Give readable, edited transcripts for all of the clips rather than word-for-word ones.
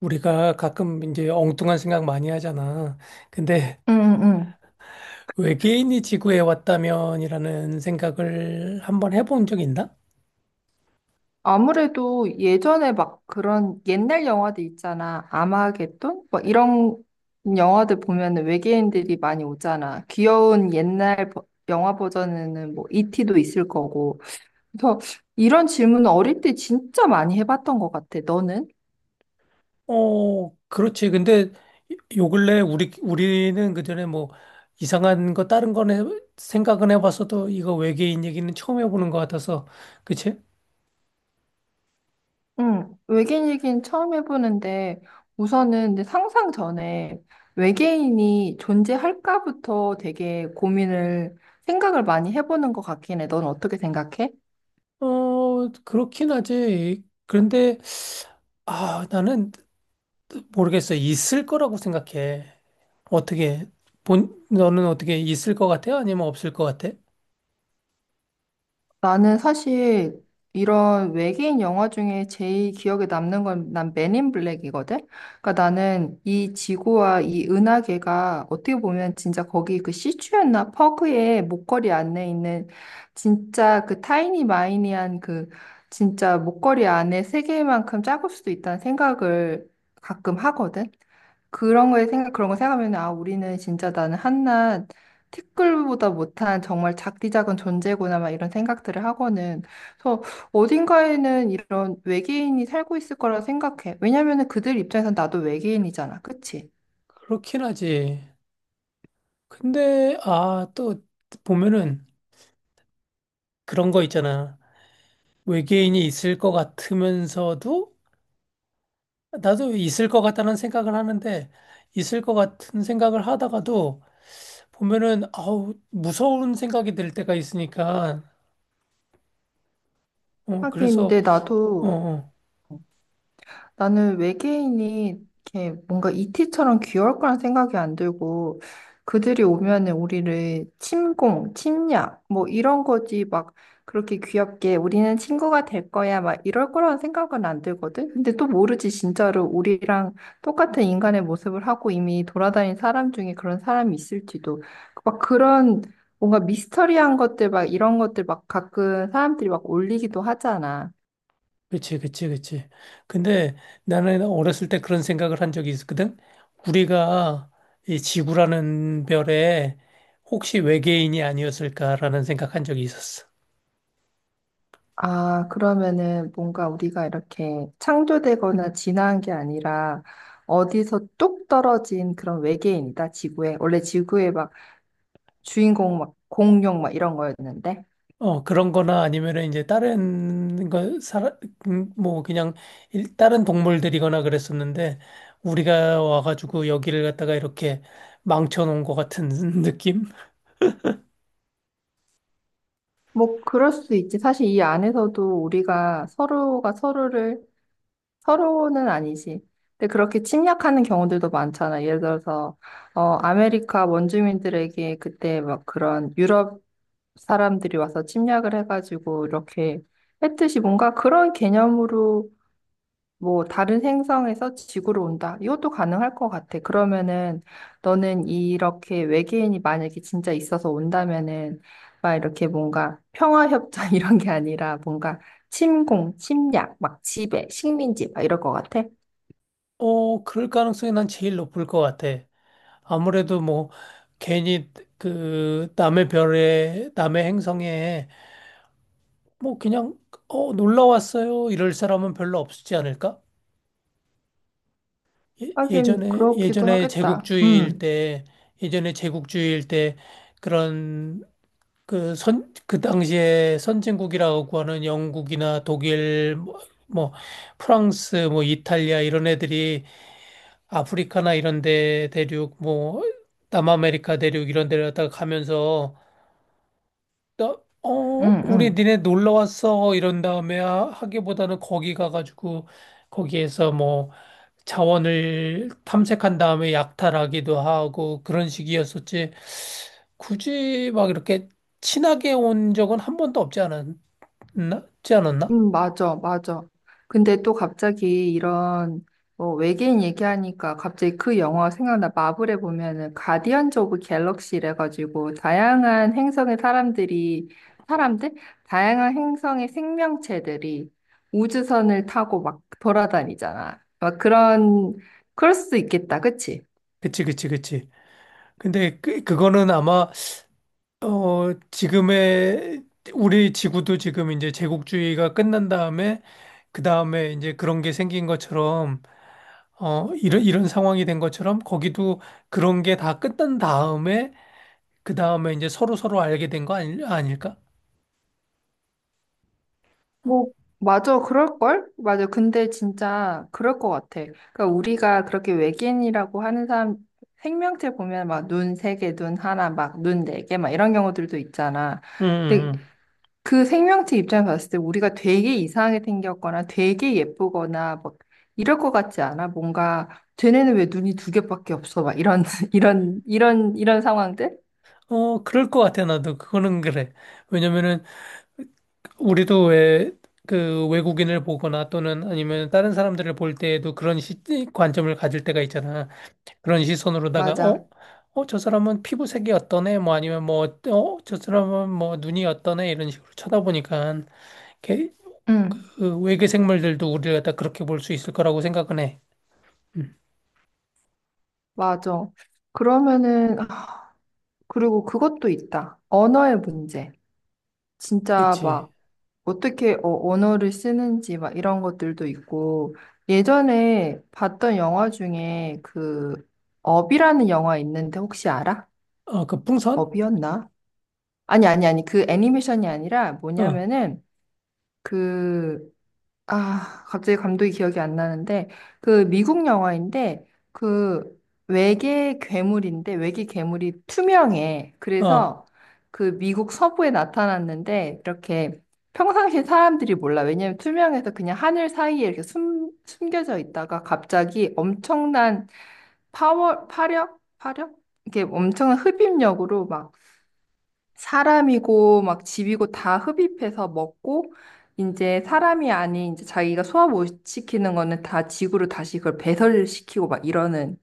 우리가 가끔 이제 엉뚱한 생각 많이 하잖아. 근데 응, 응. 외계인이 지구에 왔다면이라는 생각을 한번 해본 적 있나? 아무래도 예전에 막 그런 옛날 영화들 있잖아. 아마겟돈? 뭐 이런 영화들 보면은 외계인들이 많이 오잖아. 귀여운 옛날 영화 버전에는 뭐 이티도 있을 거고. 그래서 이런 질문은 어릴 때 진짜 많이 해봤던 것 같아. 너는? 어, 그렇지. 근데 요 근래 우리는 그전에 뭐 이상한 거 다른 거는 생각은 해봤어도 이거 외계인 얘기는 처음 해보는 것 같아서 그치? 응. 외계인 얘기는 처음 해보는데 우선은 근데 상상 전에 외계인이 존재할까부터 되게 고민을 생각을 많이 해보는 것 같긴 해. 넌 어떻게 생각해? 어, 그렇긴 하지. 그런데 아, 나는 모르겠어. 있을 거라고 생각해. 어떻게 본 너는 어떻게 있을 것 같아? 아니면 없을 것 같아? 나는 사실 이런 외계인 영화 중에 제일 기억에 남는 건 난 맨인 블랙이거든? 그러니까 나는 이 지구와 이 은하계가 어떻게 보면 진짜 거기 그 시추였나 퍼그의 목걸이 안에 있는 진짜 그 타이니 마이니한 그 진짜 목걸이 안에 세계만큼 작을 수도 있다는 생각을 가끔 하거든? 그런 거에 생각, 그런 거 생각하면, 아, 우리는 진짜 나는 한낱 티끌보다 못한 정말 작디작은 존재구나 막 이런 생각들을 하고는 그래서 어딘가에는 이런 외계인이 살고 있을 거라 생각해. 왜냐면은 그들 입장에선 나도 외계인이잖아. 그치? 그렇긴 하지. 근데 또 보면은 그런 거 있잖아. 외계인이 있을 것 같으면서도 나도 있을 것 같다는 생각을 하는데 있을 것 같은 생각을 하다가도 보면은 아우 무서운 생각이 들 때가 있으니까 어 하긴 그래서 근데 어 나도 어. 나는 외계인이 이렇게 뭔가 이티처럼 귀여울 거란 생각이 안 들고 그들이 오면은 우리를 침공, 침략 뭐 이런 거지 막 그렇게 귀엽게 우리는 친구가 될 거야 막 이럴 거라는 생각은 안 들거든. 근데 또 모르지 진짜로 우리랑 똑같은 인간의 모습을 하고 이미 돌아다닌 사람 중에 그런 사람이 있을지도 막 그런 뭔가 미스터리한 것들 막 이런 것들 막 가끔 사람들이 막 올리기도 하잖아. 그치, 그치, 그치. 근데 나는 어렸을 때 그런 생각을 한 적이 있었거든. 우리가 이 지구라는 별에 혹시 외계인이 아니었을까라는 생각한 적이 있었어. 아, 그러면은 뭔가 우리가 이렇게 창조되거나 진화한 게 아니라 어디서 뚝 떨어진 그런 외계인이다, 지구에. 원래 지구에 막 주인공 막 공룡 막 이런 거였는데. 어, 그런 거나 아니면은 이제 다른 거, 뭐 그냥 다른 동물들이거나 그랬었는데 우리가 와가지고 여기를 갖다가 이렇게 망쳐놓은 것 같은 느낌? 뭐 그럴 수도 있지. 사실 이 안에서도 우리가 서로가 서로를, 서로는 아니지. 근데 그렇게 침략하는 경우들도 많잖아. 예를 들어서, 어, 아메리카 원주민들에게 그때 막 그런 유럽 사람들이 와서 침략을 해가지고 이렇게 했듯이 뭔가 그런 개념으로 뭐 다른 행성에서 지구로 온다. 이것도 가능할 것 같아. 그러면은 너는 이렇게 외계인이 만약에 진짜 있어서 온다면은 막 이렇게 뭔가 평화협정 이런 게 아니라 뭔가 침공, 침략, 막 지배, 식민지 막 이럴 것 같아. 어, 그럴 가능성이 난 제일 높을 것 같아. 아무래도 뭐 괜히 그 남의 별에 남의 행성에 뭐 그냥 놀러 왔어요 이럴 사람은 별로 없지 않을까? 예, 하긴 예전에 그렇기도 예전에 하겠다. 제국주의일 때 예전에 제국주의일 때 그런 그 선 그 당시에 선진국이라고 하는 영국이나 독일 뭐 프랑스 뭐 이탈리아 이런 애들이 아프리카나 이런 데 대륙 뭐 남아메리카 대륙 이런 데를 갖다가 가면서 나, 음, 우리 음. 니네 놀러 왔어. 이런 다음에 하기보다는 거기 가가지고 거기에서 뭐 자원을 탐색한 다음에 약탈하기도 하고 그런 식이었었지. 굳이 막 이렇게 친하게 온 적은 한 번도 없지 않았나? 없지 않았나? 맞아, 맞아. 근데 또 갑자기 이런 뭐 외계인 얘기하니까 갑자기 그 영화 생각나. 마블에 보면은 가디언즈 오브 갤럭시래 가지고 다양한 행성의 사람들이 사람들? 다양한 행성의 생명체들이 우주선을 타고 막 돌아다니잖아. 막 그런 그럴 수도 있겠다. 그치? 그치, 그치, 그치. 근데 그거는 아마, 지금의 우리 지구도 지금 이제 제국주의가 끝난 다음에 그 다음에 이제 그런 게 생긴 것처럼 이런, 상황이 된 것처럼 거기도 그런 게 다 끝난 다음에, 그 다음에 이제 서로 서로 알게 된 거 아니, 아닐까? 뭐, 맞아, 그럴걸? 맞아. 근데 진짜 그럴 것 같아. 그러니까 우리가 그렇게 외계인이라고 하는 사람 생명체 보면 막 눈 세 개, 눈 하나, 막 눈 네 개, 막 이런 경우들도 있잖아. 음, 근데 음. 그 생명체 입장에서 봤을 때 우리가 되게 이상하게 생겼거나 되게 예쁘거나 막 이럴 것 같지 않아? 뭔가 쟤네는 왜 눈이 두 개밖에 없어? 막 이런, 이런 상황들? 음. 어, 그럴 것 같아, 나도. 그거는 그래. 왜냐면은, 우리도 왜, 그 외국인을 보거나 또는 아니면 다른 사람들을 볼 때에도 그런 관점을 가질 때가 있잖아. 그런 시선으로다가, 맞아. 어? 어, 저 사람은 피부색이 어떠네? 뭐 아니면 뭐, 저 사람은 뭐 눈이 어떠네? 이런 식으로 쳐다보니까 응, 그 외계 생물들도 우리를 갖다 그렇게 볼 수 있을 거라고 생각은 해. 음. 맞아. 그러면은, 그리고 그것도 있다. 언어의 문제. 진짜 그치. 막 어떻게 언어를 쓰는지 막 이런 것들도 있고 예전에 봤던 영화 중에 그 업이라는 영화 있는데 혹시 알아? 어, 그 풍선? 업이었나? 아니 그 애니메이션이 아니라 어, 뭐냐면은 그... 아, 갑자기 감독이 기억이 안 나는데, 그 미국 영화인데, 그 외계 괴물인데, 외계 괴물이 투명해. 어, 그래서 그 미국 서부에 나타났는데, 이렇게 평상시 사람들이 몰라. 왜냐면 투명해서 그냥 하늘 사이에 이렇게 숨겨져 있다가 갑자기 엄청난 파워, 파력? 이렇게 엄청난 흡입력으로 막 사람이고 막 집이고 다 흡입해서 먹고 이제 사람이 아닌 이제 자기가 소화 못 시키는 거는 다 지구로 다시 그걸 배설시키고 막 이러는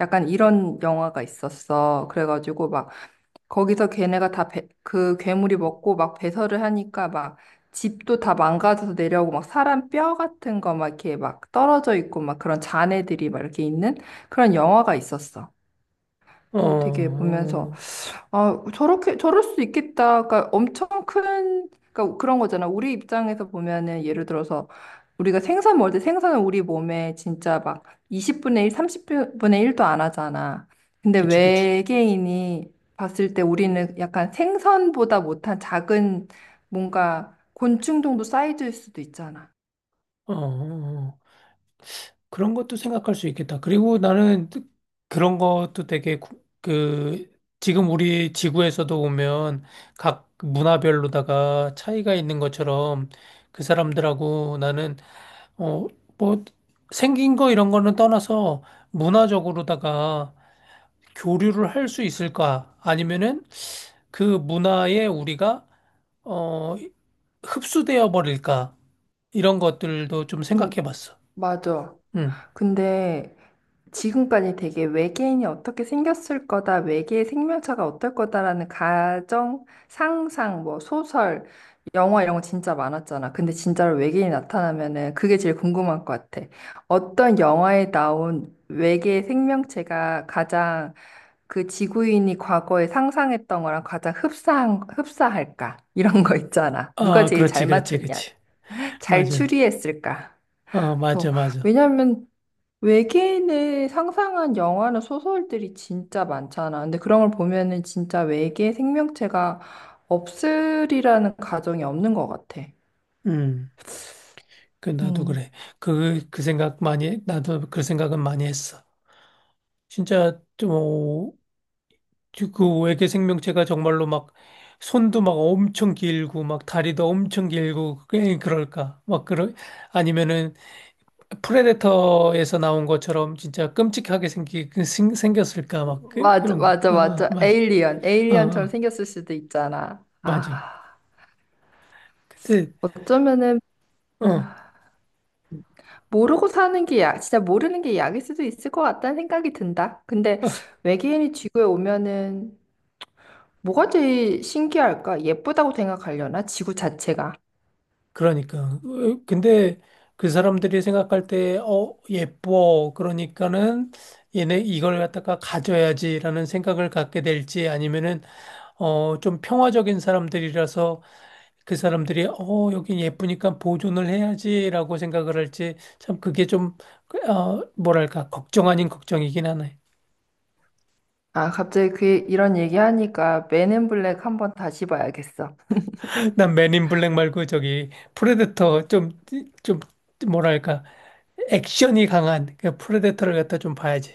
약간 이런 영화가 있었어. 그래가지고 막 거기서 걔네가 다 그 괴물이 먹고 막 배설을 하니까 막 집도 다 망가져서 내려오고 막 사람 뼈 같은 거 막 이렇게 막 떨어져 있고 막 그런 잔해들이 막 이렇게 있는 그런 영화가 있었어. 어, 어, 되게 보면서 어, 아, 저렇게, 저럴 수 있겠다. 그러니까 엄청 큰, 그러니까 그런 거잖아. 우리 입장에서 보면은 예를 들어서 우리가 생선 먹을 때 생선은 우리 몸에 진짜 막 20분의 1, 30분의 1도 안 하잖아. 근데 그치, 그치. 외계인이 봤을 때 우리는 약간 생선보다 못한 작은 뭔가 곤충 정도 사이즈일 수도 있잖아. 어, 어. 어. 그런 것도 생각할 수 있겠다. 그리고 나는 그런 것도 되게 지금 우리 지구에서도 보면 각 문화별로다가 차이가 있는 것처럼 그 사람들하고 나는 어, 뭐 생긴 거 이런 거는 떠나서 문화적으로다가 교류를 할 수 있을까? 아니면은 그 문화에 우리가 어 흡수되어 버릴까? 이런 것들도 좀 음, 생각해 봤어. 맞아. 음. 근데 지금까지 되게 외계인이 어떻게 생겼을 거다, 외계의 생명체가 어떨 거다라는 가정, 상상, 뭐 소설, 영화 이런 거 진짜 많았잖아. 근데 진짜로 외계인이 나타나면은 그게 제일 궁금한 것 같아. 어떤 영화에 나온 외계 생명체가 가장 그 지구인이 과거에 상상했던 거랑 가장 흡사한, 흡사할까? 이런 거 있잖아. 누가 아, 제일 그렇지, 잘 그렇지, 맞췄냐? 그렇지. 잘 맞아. 추리했을까? 어, 그래서 맞아, 맞아. 왜냐면 외계인을 상상한 영화나 소설들이 진짜 많잖아. 근데 그런 걸 보면은 진짜 외계 생명체가 없으리라는 가정이 없는 것 같아. 음. 나도 음. 그래. 그 생각 많이 나도 그 생각은 많이 했어. 진짜 좀그 외계 생명체가 정말로 막 손도 막 엄청 길고 막 다리도 엄청 길고 그럴까? 막 그런 아니면은 프레데터에서 나온 것처럼 진짜 끔찍하게 생겼을까, 막, 그, 맞아, 그런 거. 맞아, 어, 어, 맞아. 맞아. 에일리언, 어, 에일리언처럼 어, 생겼을 수도 있잖아. 맞아. 아, 근데, 어쩌면은 음, 어, 모르고 사는 게 약, 진짜 모르는 게 약일 수도 있을 것 같다는 생각이 든다. 근데 외계인이 지구에 오면은 뭐가 제일 신기할까? 예쁘다고 생각하려나? 지구 자체가. 그러니까. 근데 그 사람들이 생각할 때, 예뻐. 그러니까는 얘네 이걸 갖다가 가져야지라는 생각을 갖게 될지 아니면은, 좀 평화적인 사람들이라서 그 사람들이 여긴 예쁘니까 보존을 해야지라고 생각을 할지 참 그게 좀 뭐랄까 걱정 아닌 걱정이긴 하네. 아, 갑자기 그 이런 얘기하니까 맨앤 블랙 한번 다시 봐야겠어. 난 맨인 블랙 말고 저기 프레데터 좀 뭐랄까 액션이 강한 그 프레데터를 갖다 좀 봐야지.